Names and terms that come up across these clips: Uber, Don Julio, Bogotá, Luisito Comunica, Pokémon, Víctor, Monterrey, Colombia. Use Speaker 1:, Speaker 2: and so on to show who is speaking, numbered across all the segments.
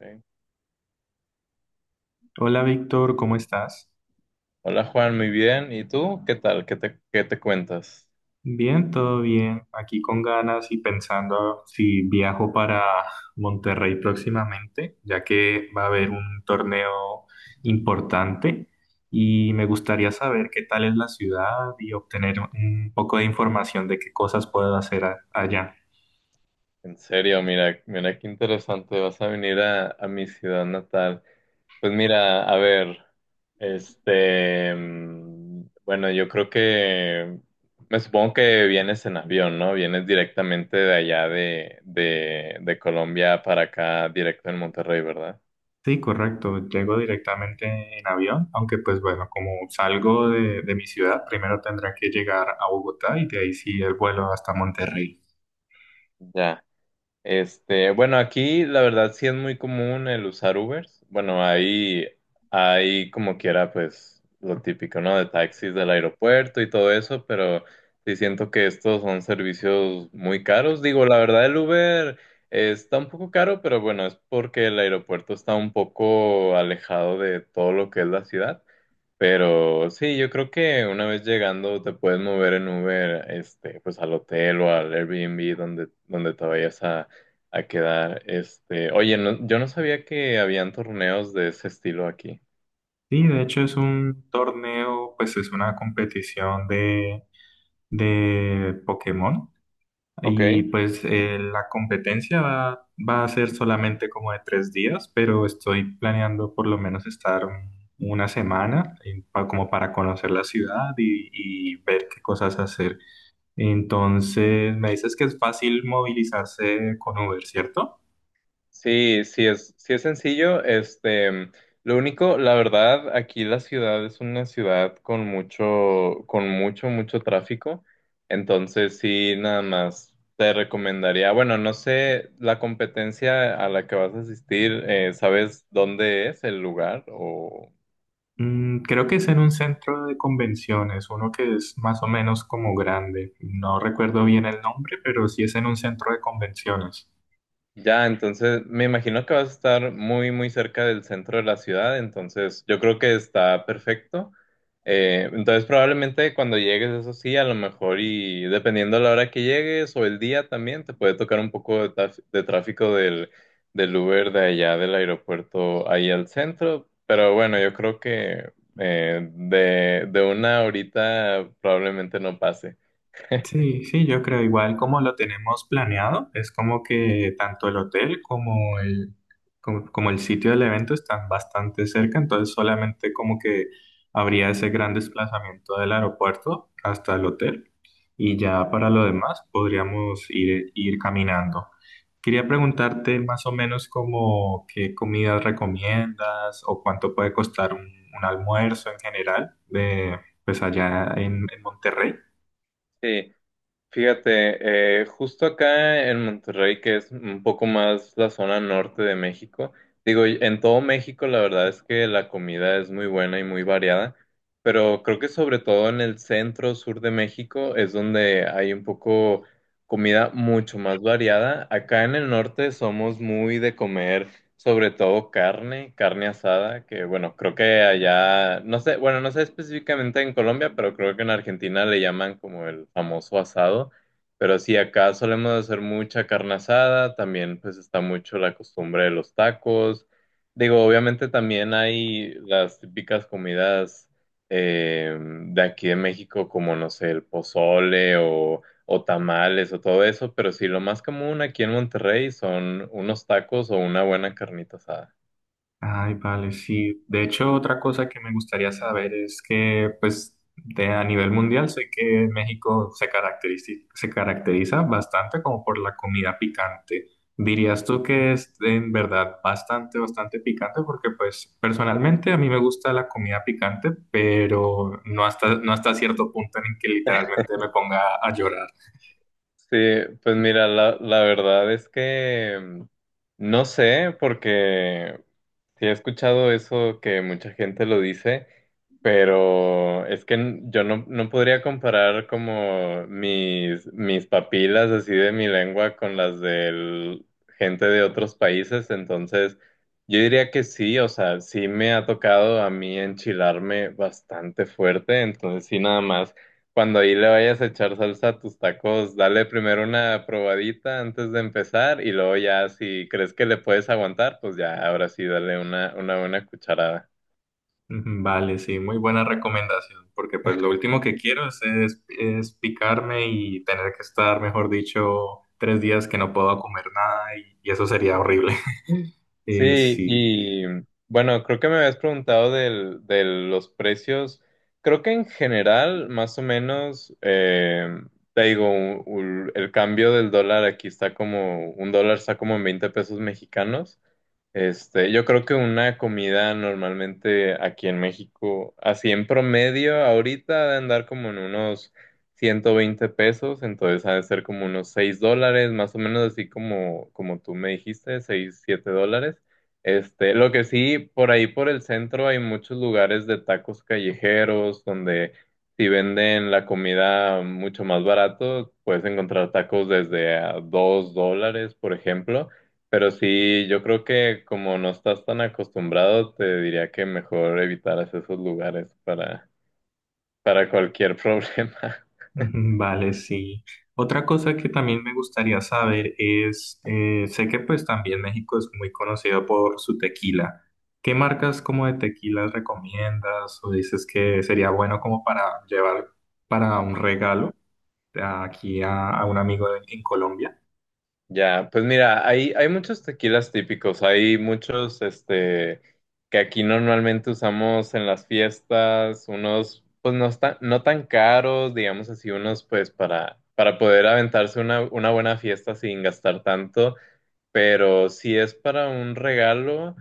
Speaker 1: Sí.
Speaker 2: Hola Víctor, ¿cómo estás?
Speaker 1: Hola Juan, muy bien. ¿Y tú? ¿Qué tal? Qué te cuentas?
Speaker 2: Bien, todo bien. Aquí con ganas y pensando si viajo para Monterrey próximamente, ya que va a haber un torneo importante y me gustaría saber qué tal es la ciudad y obtener un poco de información de qué cosas puedo hacer allá.
Speaker 1: En serio, mira, mira qué interesante. Vas a venir a mi ciudad natal. Pues mira, a ver, bueno, yo creo que, me supongo que vienes en avión, ¿no? Vienes directamente de allá de Colombia para acá, directo en Monterrey, ¿verdad?
Speaker 2: Sí, correcto. Llego directamente en avión, aunque pues bueno, como salgo de mi ciudad, primero tendré que llegar a Bogotá y de ahí sí el vuelo hasta Monterrey.
Speaker 1: Ya. Bueno, aquí la verdad sí es muy común el usar Ubers. Bueno, ahí como quiera, pues lo típico, ¿no? De taxis del aeropuerto y todo eso, pero sí siento que estos son servicios muy caros. Digo, la verdad el Uber está un poco caro, pero bueno, es porque el aeropuerto está un poco alejado de todo lo que es la ciudad. Pero sí, yo creo que una vez llegando te puedes mover en Uber, este, pues al hotel o al Airbnb donde te vayas a quedar. Este, oye, yo no sabía que habían torneos de ese estilo aquí.
Speaker 2: Sí, de hecho es un torneo, pues es una competición de Pokémon
Speaker 1: Ok.
Speaker 2: y pues la competencia va a ser solamente como de 3 días, pero estoy planeando por lo menos estar una semana como para conocer la ciudad y ver qué cosas hacer. Entonces, me dices que es fácil movilizarse con Uber, ¿cierto?
Speaker 1: Sí, sí es sencillo. Este, lo único, la verdad, aquí la ciudad es una ciudad con mucho, con mucho tráfico. Entonces, sí, nada más te recomendaría. Bueno, no sé, la competencia a la que vas a asistir, ¿sabes dónde es el lugar o?
Speaker 2: Creo que es en un centro de convenciones, uno que es más o menos como grande. No recuerdo bien el nombre, pero sí es en un centro de convenciones.
Speaker 1: Ya, entonces me imagino que vas a estar muy, muy cerca del centro de la ciudad, entonces yo creo que está perfecto. Entonces probablemente cuando llegues, eso sí, a lo mejor y dependiendo de la hora que llegues o el día también, te puede tocar un poco de, de tráfico del Uber de allá del aeropuerto ahí al centro, pero bueno, yo creo que de una horita probablemente no pase.
Speaker 2: Sí, sí, yo creo igual como lo tenemos planeado, es como que tanto el hotel como como el sitio del evento están bastante cerca, entonces solamente como que habría ese gran desplazamiento del aeropuerto hasta el hotel y ya para lo demás podríamos ir, ir caminando. Quería preguntarte más o menos como qué comidas recomiendas o cuánto puede costar un almuerzo en general de, pues allá en Monterrey.
Speaker 1: Sí. Fíjate, justo acá en Monterrey, que es un poco más la zona norte de México, digo, y en todo México la verdad es que la comida es muy buena y muy variada, pero creo que sobre todo en el centro sur de México es donde hay un poco comida mucho más variada. Acá en el norte somos muy de comer sobre todo carne, carne asada, que bueno, creo que allá, no sé, bueno, no sé específicamente en Colombia, pero creo que en Argentina le llaman como el famoso asado, pero sí, acá solemos hacer mucha carne asada, también pues está mucho la costumbre de los tacos, digo, obviamente también hay las típicas comidas de aquí de México, como no sé, el pozole o tamales o todo eso, pero sí, lo más común aquí en Monterrey son unos tacos o una buena carnita asada.
Speaker 2: Ay, vale, sí. De hecho, otra cosa que me gustaría saber es que, pues, de, a nivel mundial sé que México se caracteriza bastante como por la comida picante. ¿Dirías tú que es en verdad bastante picante? Porque, pues, personalmente a mí me gusta la comida picante, pero no hasta cierto punto en el que literalmente me ponga a llorar.
Speaker 1: Sí, pues mira, la verdad es que no sé, porque sí he escuchado eso que mucha gente lo dice, pero es que yo no, no podría comparar como mis, mis papilas así de mi lengua con las de gente de otros países, entonces yo diría que sí, o sea, sí me ha tocado a mí enchilarme bastante fuerte, entonces sí nada más, cuando ahí le vayas a echar salsa a tus tacos, dale primero una probadita antes de empezar y luego ya si crees que le puedes aguantar, pues ya ahora sí dale una buena cucharada.
Speaker 2: Ujú, vale, sí, muy buena recomendación, porque pues lo último que quiero es picarme y tener que estar, mejor dicho, 3 días que no puedo comer nada y, y eso sería horrible. Eh,
Speaker 1: Sí,
Speaker 2: sí,
Speaker 1: y bueno, creo que me habías preguntado de los precios. Creo que en general, más o menos, te digo, u- u- el cambio del dólar aquí está como, un dólar está como en 20 pesos mexicanos. Este, yo creo que una comida normalmente aquí en México, así en promedio, ahorita ha de andar como en unos 120 pesos, entonces ha de ser como unos 6 dólares, más o menos así como, como tú me dijiste, 6 7 dólares. Este, lo que sí, por ahí por el centro hay muchos lugares de tacos callejeros donde si venden la comida mucho más barato, puedes encontrar tacos desde a 2 dólares, por ejemplo. Pero sí, yo creo que como no estás tan acostumbrado, te diría que mejor evitaras esos lugares para cualquier problema.
Speaker 2: ujú, vale, sí. Otra cosa que también me gustaría saber es, sé que pues también México es muy conocido por su tequila. ¿Qué marcas como de tequilas recomiendas o dices que sería bueno como para llevar para un regalo aquí a un amigo en Colombia?
Speaker 1: Ya, pues mira, hay muchos tequilas típicos, hay muchos este, que aquí normalmente usamos en las fiestas, unos pues no, está- no tan caros, digamos así, unos pues para poder aventarse una buena fiesta sin gastar tanto. Pero si es para un regalo,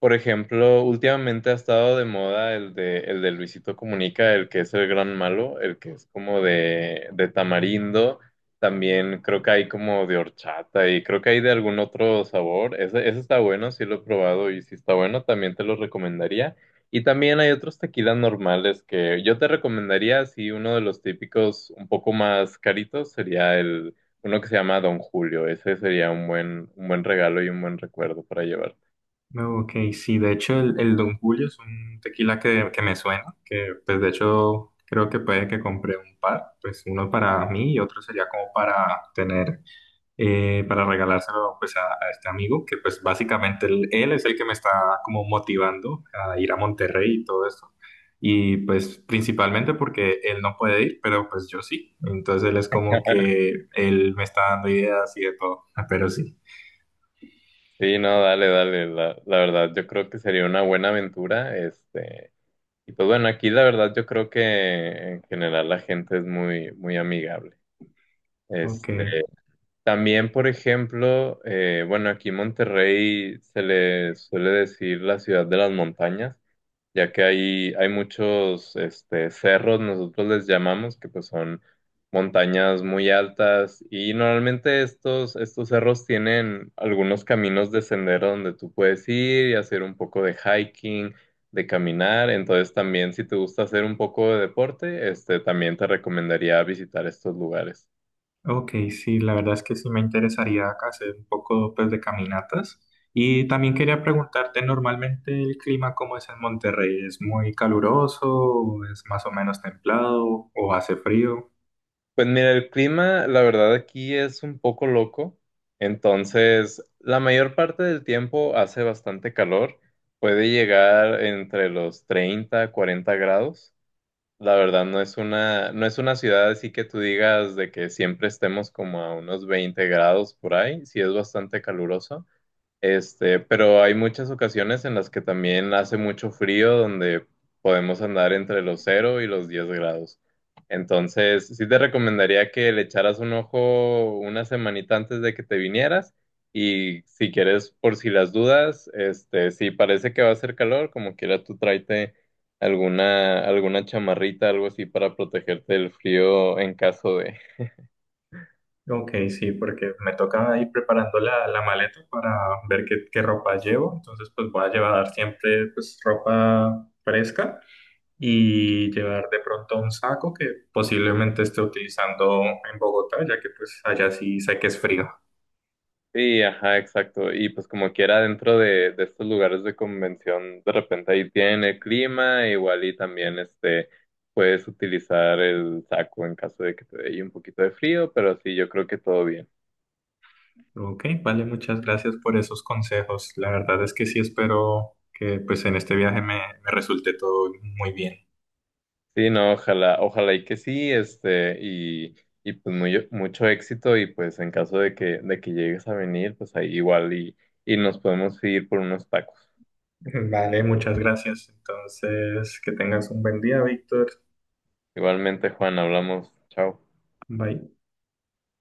Speaker 1: por ejemplo, últimamente ha estado de moda el de Luisito Comunica, el que es el gran malo, el que es como de tamarindo. También creo que hay como de horchata y creo que hay de algún otro sabor. Ese está bueno, sí lo he probado y si está bueno, también te lo recomendaría. Y también hay otros tequilas normales que yo te recomendaría, si uno de los típicos un poco más caritos sería uno que se llama Don Julio, ese sería un buen regalo y un buen recuerdo para llevar.
Speaker 2: No, ok, sí, de hecho el Don Julio es un tequila que me suena, que pues de hecho creo que puede que compré un par, pues uno para mí y otro sería como para tener, para regalárselo pues a este amigo, que pues básicamente él es el que me está como motivando a ir a Monterrey y todo eso. Y pues principalmente porque él no puede ir, pero pues yo sí. Entonces él es como que él me está dando ideas y de todo, pero sí.
Speaker 1: Sí, no, dale, dale, la verdad yo creo que sería una buena aventura, este, y pues bueno, aquí la verdad yo creo que en general la gente es muy, muy amigable.
Speaker 2: Ok,
Speaker 1: Este, también, por ejemplo, bueno, aquí en Monterrey se le suele decir la ciudad de las montañas. Ya que hay muchos este, cerros, nosotros les llamamos, que pues son montañas muy altas y normalmente estos, estos cerros tienen algunos caminos de sendero donde tú puedes ir y hacer un poco de hiking, de caminar, entonces también si te gusta hacer un poco de deporte, este, también te recomendaría visitar estos lugares.
Speaker 2: ok, sí, la verdad es que sí me interesaría hacer un poco pues de caminatas. Y también quería preguntarte, normalmente el clima cómo es en Monterrey, ¿es muy caluroso, o es más o menos templado o hace frío?
Speaker 1: Pues mira, el clima, la verdad, aquí es un poco loco. Entonces, la mayor parte del tiempo hace bastante calor. Puede llegar entre los 30 40 grados. La verdad, no es una ciudad así que tú digas de que siempre estemos como a unos 20 grados por ahí. Sí es bastante caluroso. Este, pero hay muchas ocasiones en las que también hace mucho frío, donde podemos andar entre los cero y los 10 grados. Entonces, sí te recomendaría que le echaras un ojo una semanita antes de que te vinieras y si quieres, por si las dudas, este, si parece que va a hacer calor, como quiera tú tráete alguna, alguna chamarrita, algo así para protegerte del frío en caso de...
Speaker 2: Ok, sí, porque me toca ir preparando la maleta para ver qué ropa llevo, entonces pues voy a llevar siempre pues ropa fresca y llevar de pronto un saco que posiblemente esté utilizando en Bogotá, ya que pues allá sí sé que es frío.
Speaker 1: Sí, ajá, exacto. Y pues como quiera dentro de estos lugares de convención, de repente ahí tienen el clima, igual y también este puedes utilizar el saco en caso de que te dé ahí un poquito de frío, pero sí, yo creo que todo bien.
Speaker 2: Ok, vale, muchas gracias por esos consejos. La verdad es que sí espero que pues en este viaje me resulte todo muy bien.
Speaker 1: Sí, no, ojalá, ojalá y que sí, este, y pues muy, mucho éxito, y pues en caso de que llegues a venir, pues ahí igual y nos podemos ir por unos tacos.
Speaker 2: Vale, muchas gracias. Entonces, que tengas un buen día, Víctor.
Speaker 1: Igualmente, Juan, hablamos, chao.
Speaker 2: Bye.